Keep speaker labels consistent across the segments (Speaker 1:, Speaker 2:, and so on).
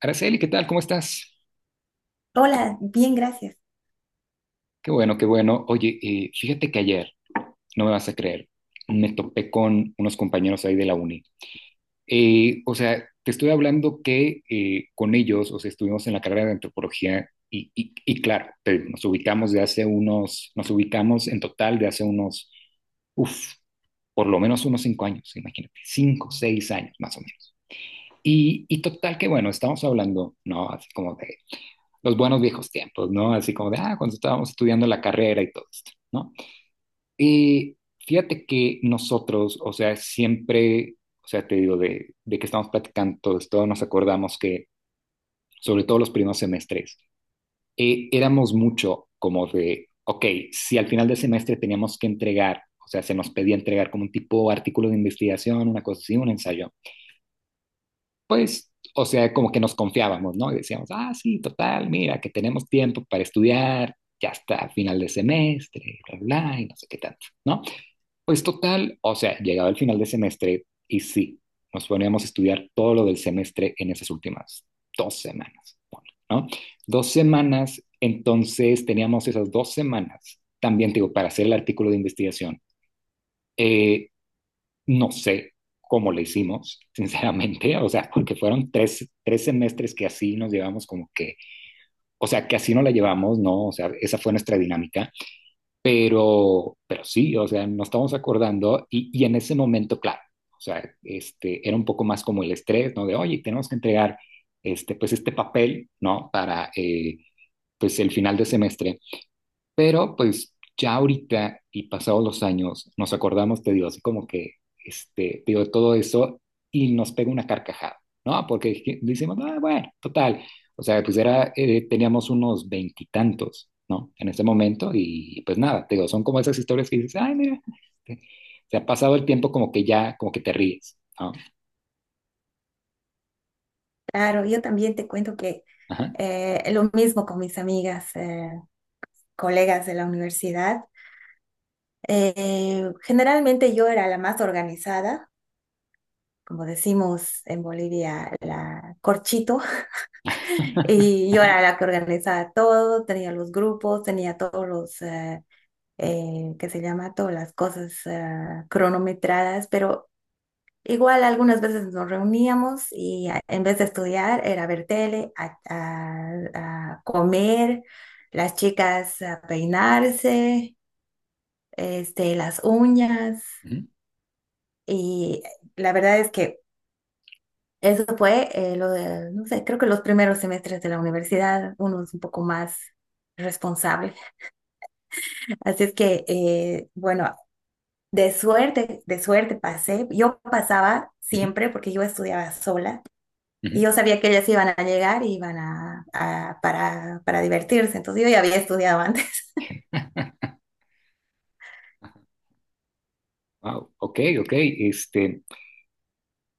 Speaker 1: Araceli, ¿qué tal? ¿Cómo estás?
Speaker 2: Hola, bien, gracias.
Speaker 1: Qué bueno, qué bueno. Oye, fíjate que ayer, no me vas a creer, me topé con unos compañeros ahí de la uni. Te estoy hablando que con ellos, o sea, estuvimos en la carrera de antropología y claro, nos ubicamos de hace unos, nos ubicamos en total de hace unos, uff, por lo menos unos 5 años, imagínate, 5, 6 años más o menos. Y total que, bueno, estamos hablando, ¿no? Así como de los buenos viejos tiempos, ¿no? Así como de, ah, cuando estábamos estudiando la carrera y todo esto, ¿no? Y fíjate que nosotros, o sea, siempre, o sea, te digo, de que estamos platicando todo esto, nos acordamos que, sobre todo los primeros semestres, éramos mucho como de, ok, si al final del semestre teníamos que entregar, o sea, se nos pedía entregar como un tipo de artículo de investigación, una cosa así, un ensayo, pues, o sea, como que nos confiábamos, ¿no? Y decíamos, ah, sí, total, mira, que tenemos tiempo para estudiar, ya está, final de semestre, bla, bla, y no sé qué tanto, ¿no? Pues total, o sea, llegaba el final de semestre y sí, nos poníamos a estudiar todo lo del semestre en esas últimas 2 semanas, ¿no? Dos semanas, entonces teníamos esas 2 semanas, también digo, para hacer el artículo de investigación, eh, no sé cómo le hicimos, sinceramente, o sea, porque fueron tres semestres que así nos llevamos como que, o sea, que así no la llevamos, ¿no? O sea, esa fue nuestra dinámica, pero sí, o sea, nos estamos acordando y en ese momento, claro, o sea, este, era un poco más como el estrés, ¿no? De, oye, tenemos que entregar, este, pues, este papel, ¿no? Para, pues, el final de semestre. Pero pues ya ahorita y pasados los años nos acordamos, te digo, así como que, este, te digo, todo eso y nos pega una carcajada, ¿no? Porque decimos, ah, bueno, total. O sea, pues era, teníamos unos veintitantos, ¿no? En ese momento y pues nada, te digo, son como esas historias que dices, ay, mira, este, se ha pasado el tiempo como que ya, como que te ríes, ¿no?
Speaker 2: Claro, yo también te cuento que
Speaker 1: Ajá.
Speaker 2: lo mismo con mis amigas, colegas de la universidad. Generalmente yo era la más organizada, como decimos en Bolivia, la corchito. Y yo era la que organizaba todo, tenía los grupos, tenía todos los, ¿qué se llama? Todas las cosas cronometradas. Pero igual algunas veces nos reuníamos y en vez de estudiar era ver tele, a comer, las chicas a peinarse, las uñas.
Speaker 1: Ujú,
Speaker 2: Y la verdad es que eso fue lo de, no sé, creo que los primeros semestres de la universidad, uno es un poco más responsable. Así es que, bueno, de suerte pasé. Yo pasaba
Speaker 1: ujú,
Speaker 2: siempre porque yo estudiaba sola. Y
Speaker 1: ujú.
Speaker 2: yo sabía que ellas iban a llegar y iban para divertirse. Entonces yo ya había estudiado antes.
Speaker 1: Wow, ok, ok. Este,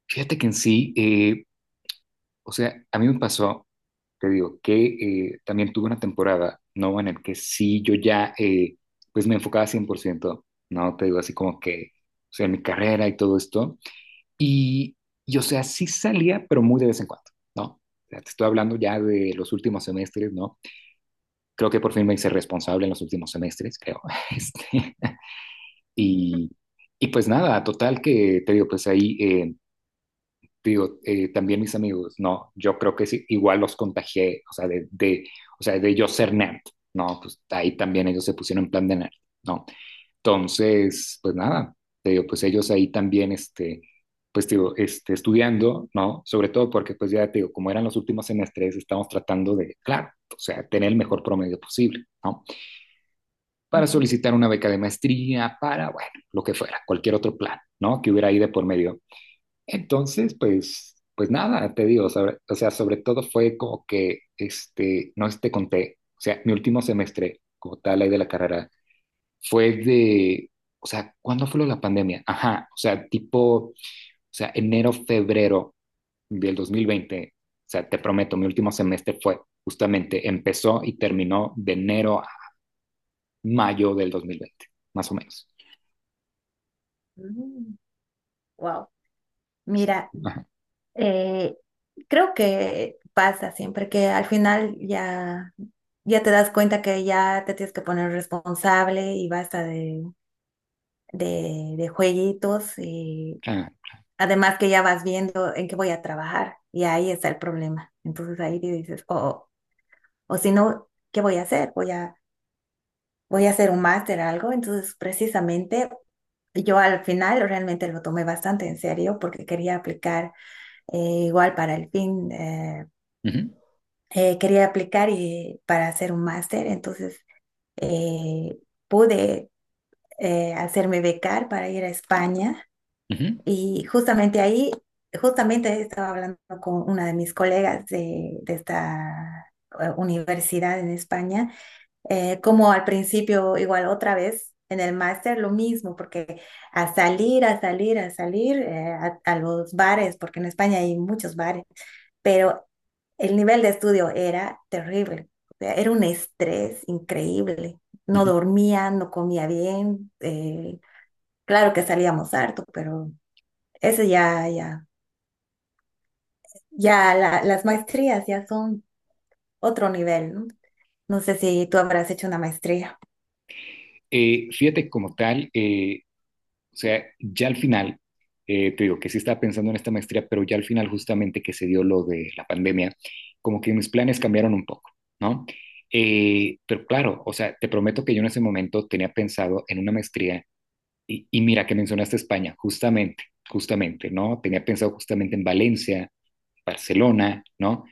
Speaker 1: fíjate que en sí, o sea, a mí me pasó, te digo, que también tuve una temporada, ¿no? En el que sí, yo ya, pues me enfocaba 100%, ¿no? Te digo, así como que, o sea, en mi carrera y todo esto. Y, y o sea, sí salía, pero muy de vez en cuando, ¿no? O sea, te estoy hablando ya de los últimos semestres, ¿no? Creo que por fin me hice responsable en los últimos semestres, creo. Este, y, y pues nada, total que, te digo, pues ahí... digo, también mis amigos, no, yo creo que sí, igual los contagié, o sea, o sea, de yo ser nerd, ¿no? Pues ahí también ellos se pusieron en plan de nerd, ¿no? Entonces, pues nada, te digo, pues ellos ahí también, este, pues digo, este, estudiando, ¿no? Sobre todo porque, pues ya te digo, como eran los últimos semestres, estamos tratando de, claro, o sea, tener el mejor promedio posible, ¿no? Para solicitar una beca de maestría, para, bueno, lo que fuera, cualquier otro plan, ¿no? Que hubiera ahí de por medio. Entonces, pues nada, te digo, o sea, sobre todo fue como que, este, no este conté, o sea, mi último semestre, como tal, ahí de la carrera, fue de, o sea, ¿cuándo fue lo de la pandemia? Ajá, o sea, tipo, o sea, enero, febrero del 2020. O sea, te prometo, mi último semestre fue justamente, empezó y terminó de enero a mayo del 2020 más o menos.
Speaker 2: Wow. Mira,
Speaker 1: Ajá,
Speaker 2: eh, creo que pasa siempre que al final ya, ya te das cuenta que ya te tienes que poner responsable y basta de, de jueguitos. Y
Speaker 1: ah,
Speaker 2: además que ya vas viendo en qué voy a trabajar y ahí está el problema. Entonces ahí dices, oh, oh, o si no, ¿qué voy a hacer? Voy a voy a hacer un máster, algo. Entonces, precisamente, yo al final realmente lo tomé bastante en serio porque quería aplicar, eh, igual para el fin,
Speaker 1: ujú,
Speaker 2: quería aplicar y, para hacer un máster. Entonces, eh, pude hacerme becar para ir a España.
Speaker 1: ujú,
Speaker 2: Y justamente ahí, justamente estaba hablando con una de mis colegas de esta universidad en España. Como al principio, igual otra vez, en el máster lo mismo, porque a salir, a salir, a salir a los bares, porque en España hay muchos bares. Pero el nivel de estudio era terrible, o sea, era un estrés increíble. No
Speaker 1: ujú.
Speaker 2: dormía, no comía bien. Eh, claro que salíamos harto, pero eso ya, ya, ya las maestrías ya son otro nivel, ¿no? No sé si tú habrás hecho una maestría.
Speaker 1: Fíjate como tal, o sea, ya al final, te digo que sí estaba pensando en esta maestría, pero ya al final justamente que se dio lo de la pandemia, como que mis planes cambiaron un poco, ¿no? Pero claro, o sea, te prometo que yo en ese momento tenía pensado en una maestría y mira que mencionaste España, justamente, justamente, ¿no? Tenía pensado justamente en Valencia, Barcelona, ¿no?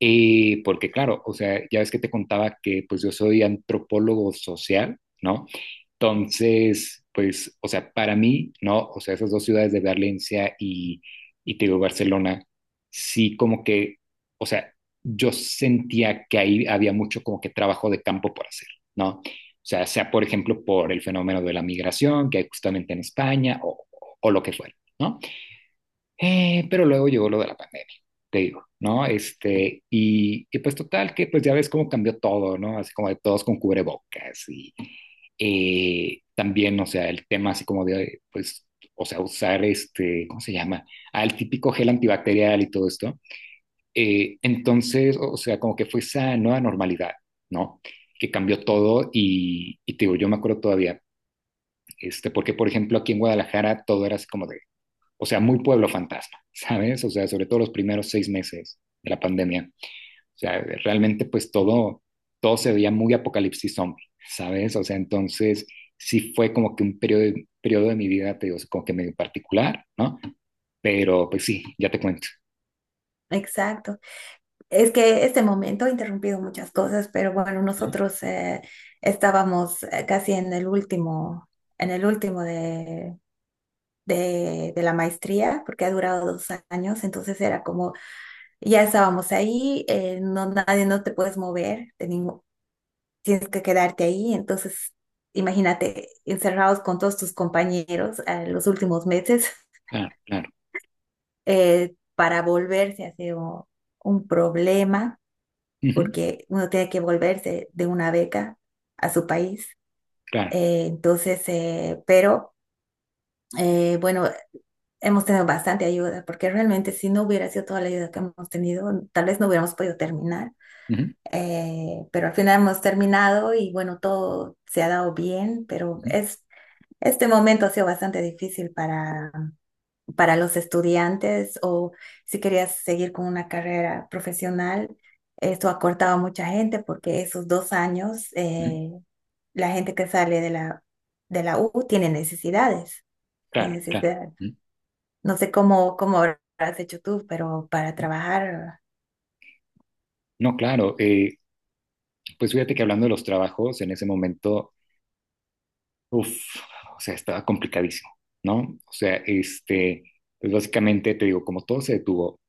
Speaker 1: Porque claro, o sea, ya ves que te contaba que pues yo soy antropólogo social, ¿no? Entonces, pues, o sea, para mí, ¿no? O sea, esas dos ciudades de Valencia y te digo, Barcelona, sí como que, o sea, yo sentía que ahí había mucho como que trabajo de campo por hacer, ¿no? O sea, sea por ejemplo por el fenómeno de la migración que hay justamente en España o lo que fuera, ¿no? Pero luego llegó lo de la pandemia, te digo, ¿no? Este, y pues total que pues ya ves cómo cambió todo, ¿no? Así como de todos con cubrebocas, también, o sea, el tema así como de, pues, o sea, usar este, ¿cómo se llama? Al típico gel antibacterial y todo esto. Entonces, o sea, como que fue esa nueva normalidad, ¿no? Que cambió todo y te digo, yo me acuerdo todavía, este, porque por ejemplo aquí en Guadalajara todo era así como de, o sea, muy pueblo fantasma, ¿sabes? O sea, sobre todo los primeros 6 meses de la pandemia, o sea, realmente pues todo se veía muy apocalipsis zombie, ¿sabes? O sea, entonces sí fue como que un periodo de mi vida, te digo, como que medio particular, ¿no? Pero pues sí, ya te cuento.
Speaker 2: Exacto. Es que este momento ha interrumpido muchas cosas, pero bueno, nosotros estábamos casi en el último de, de la maestría, porque ha durado dos años. Entonces era como, ya estábamos ahí, no, nadie, no te puedes mover, tienes que quedarte ahí. Entonces imagínate, encerrados con todos tus compañeros los últimos meses.
Speaker 1: Claro, claro.
Speaker 2: Para volverse ha sido un problema,
Speaker 1: Ujú,
Speaker 2: porque uno tiene que volverse de una beca a su país.
Speaker 1: claro.
Speaker 2: Entonces, bueno, hemos tenido bastante ayuda, porque realmente si no hubiera sido toda la ayuda que hemos tenido, tal vez no hubiéramos podido terminar.
Speaker 1: Ujú,
Speaker 2: Pero al final hemos terminado y bueno, todo se ha dado bien. Pero
Speaker 1: ujú,
Speaker 2: es, este momento ha sido bastante difícil para los estudiantes. O si querías seguir con una carrera profesional, esto acortaba a mucha gente, porque esos dos años,
Speaker 1: ujú,
Speaker 2: la gente que sale de la U tiene necesidades, tiene
Speaker 1: claro, claro.
Speaker 2: necesidades.
Speaker 1: Ujú,
Speaker 2: No sé cómo, cómo habrás hecho tú, pero para
Speaker 1: ujú.
Speaker 2: trabajar.
Speaker 1: No, claro. Pues fíjate que hablando de los trabajos, en ese momento, uff, o sea, estaba complicadísimo, ¿no? O sea, este, pues básicamente te digo, como todo se detuvo,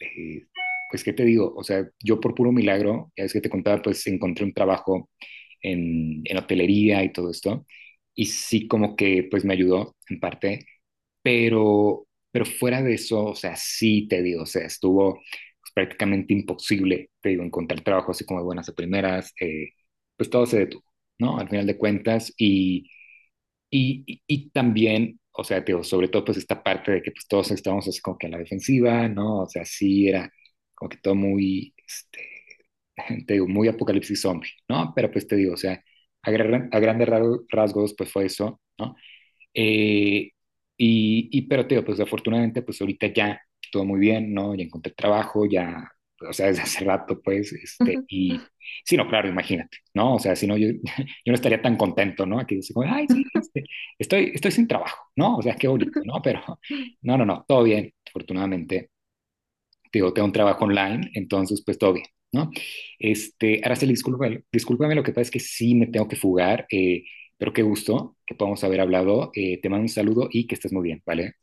Speaker 1: eh, pues, ¿qué te digo? O sea, yo por puro milagro, ya es que te contaba, pues encontré un trabajo en hotelería y todo esto, y sí como que, pues me ayudó en parte, pero fuera de eso, o sea, sí te digo, o sea, estuvo pues, prácticamente imposible, te digo, encontrar trabajo así como de buenas a primeras, pues todo se detuvo, ¿no? Al final de cuentas, y también, o sea, te digo, sobre todo pues esta parte de que pues todos estábamos así como que a la defensiva, ¿no? O sea, sí era como que todo muy, este, te digo, muy apocalipsis zombie, ¿no? Pero pues te digo, o sea, a grandes rasgos pues fue eso, ¿no? Eh, pero te digo, pues afortunadamente, pues ahorita ya todo muy bien, ¿no? Ya encontré trabajo, ya, o sea, desde hace rato, pues, este, y sí, no, claro, imagínate, ¿no? O sea, si no, yo, yo no estaría tan contento, ¿no? Aquí dice, como, ay, sí, este, estoy sin trabajo, ¿no? O sea, qué bonito, ¿no? Pero, no, no, no, todo bien, afortunadamente digo, tengo un trabajo online, entonces pues todo bien, ¿no? Este, Araceli, discúlpame, lo que pasa es que sí me tengo que fugar, pero qué gusto que podamos haber hablado. Te mando un saludo y que estés muy bien, ¿vale?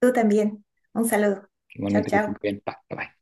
Speaker 2: Tú también. Un saludo. Chao,
Speaker 1: Igualmente que estés
Speaker 2: chao.
Speaker 1: muy bien. Bye, bye.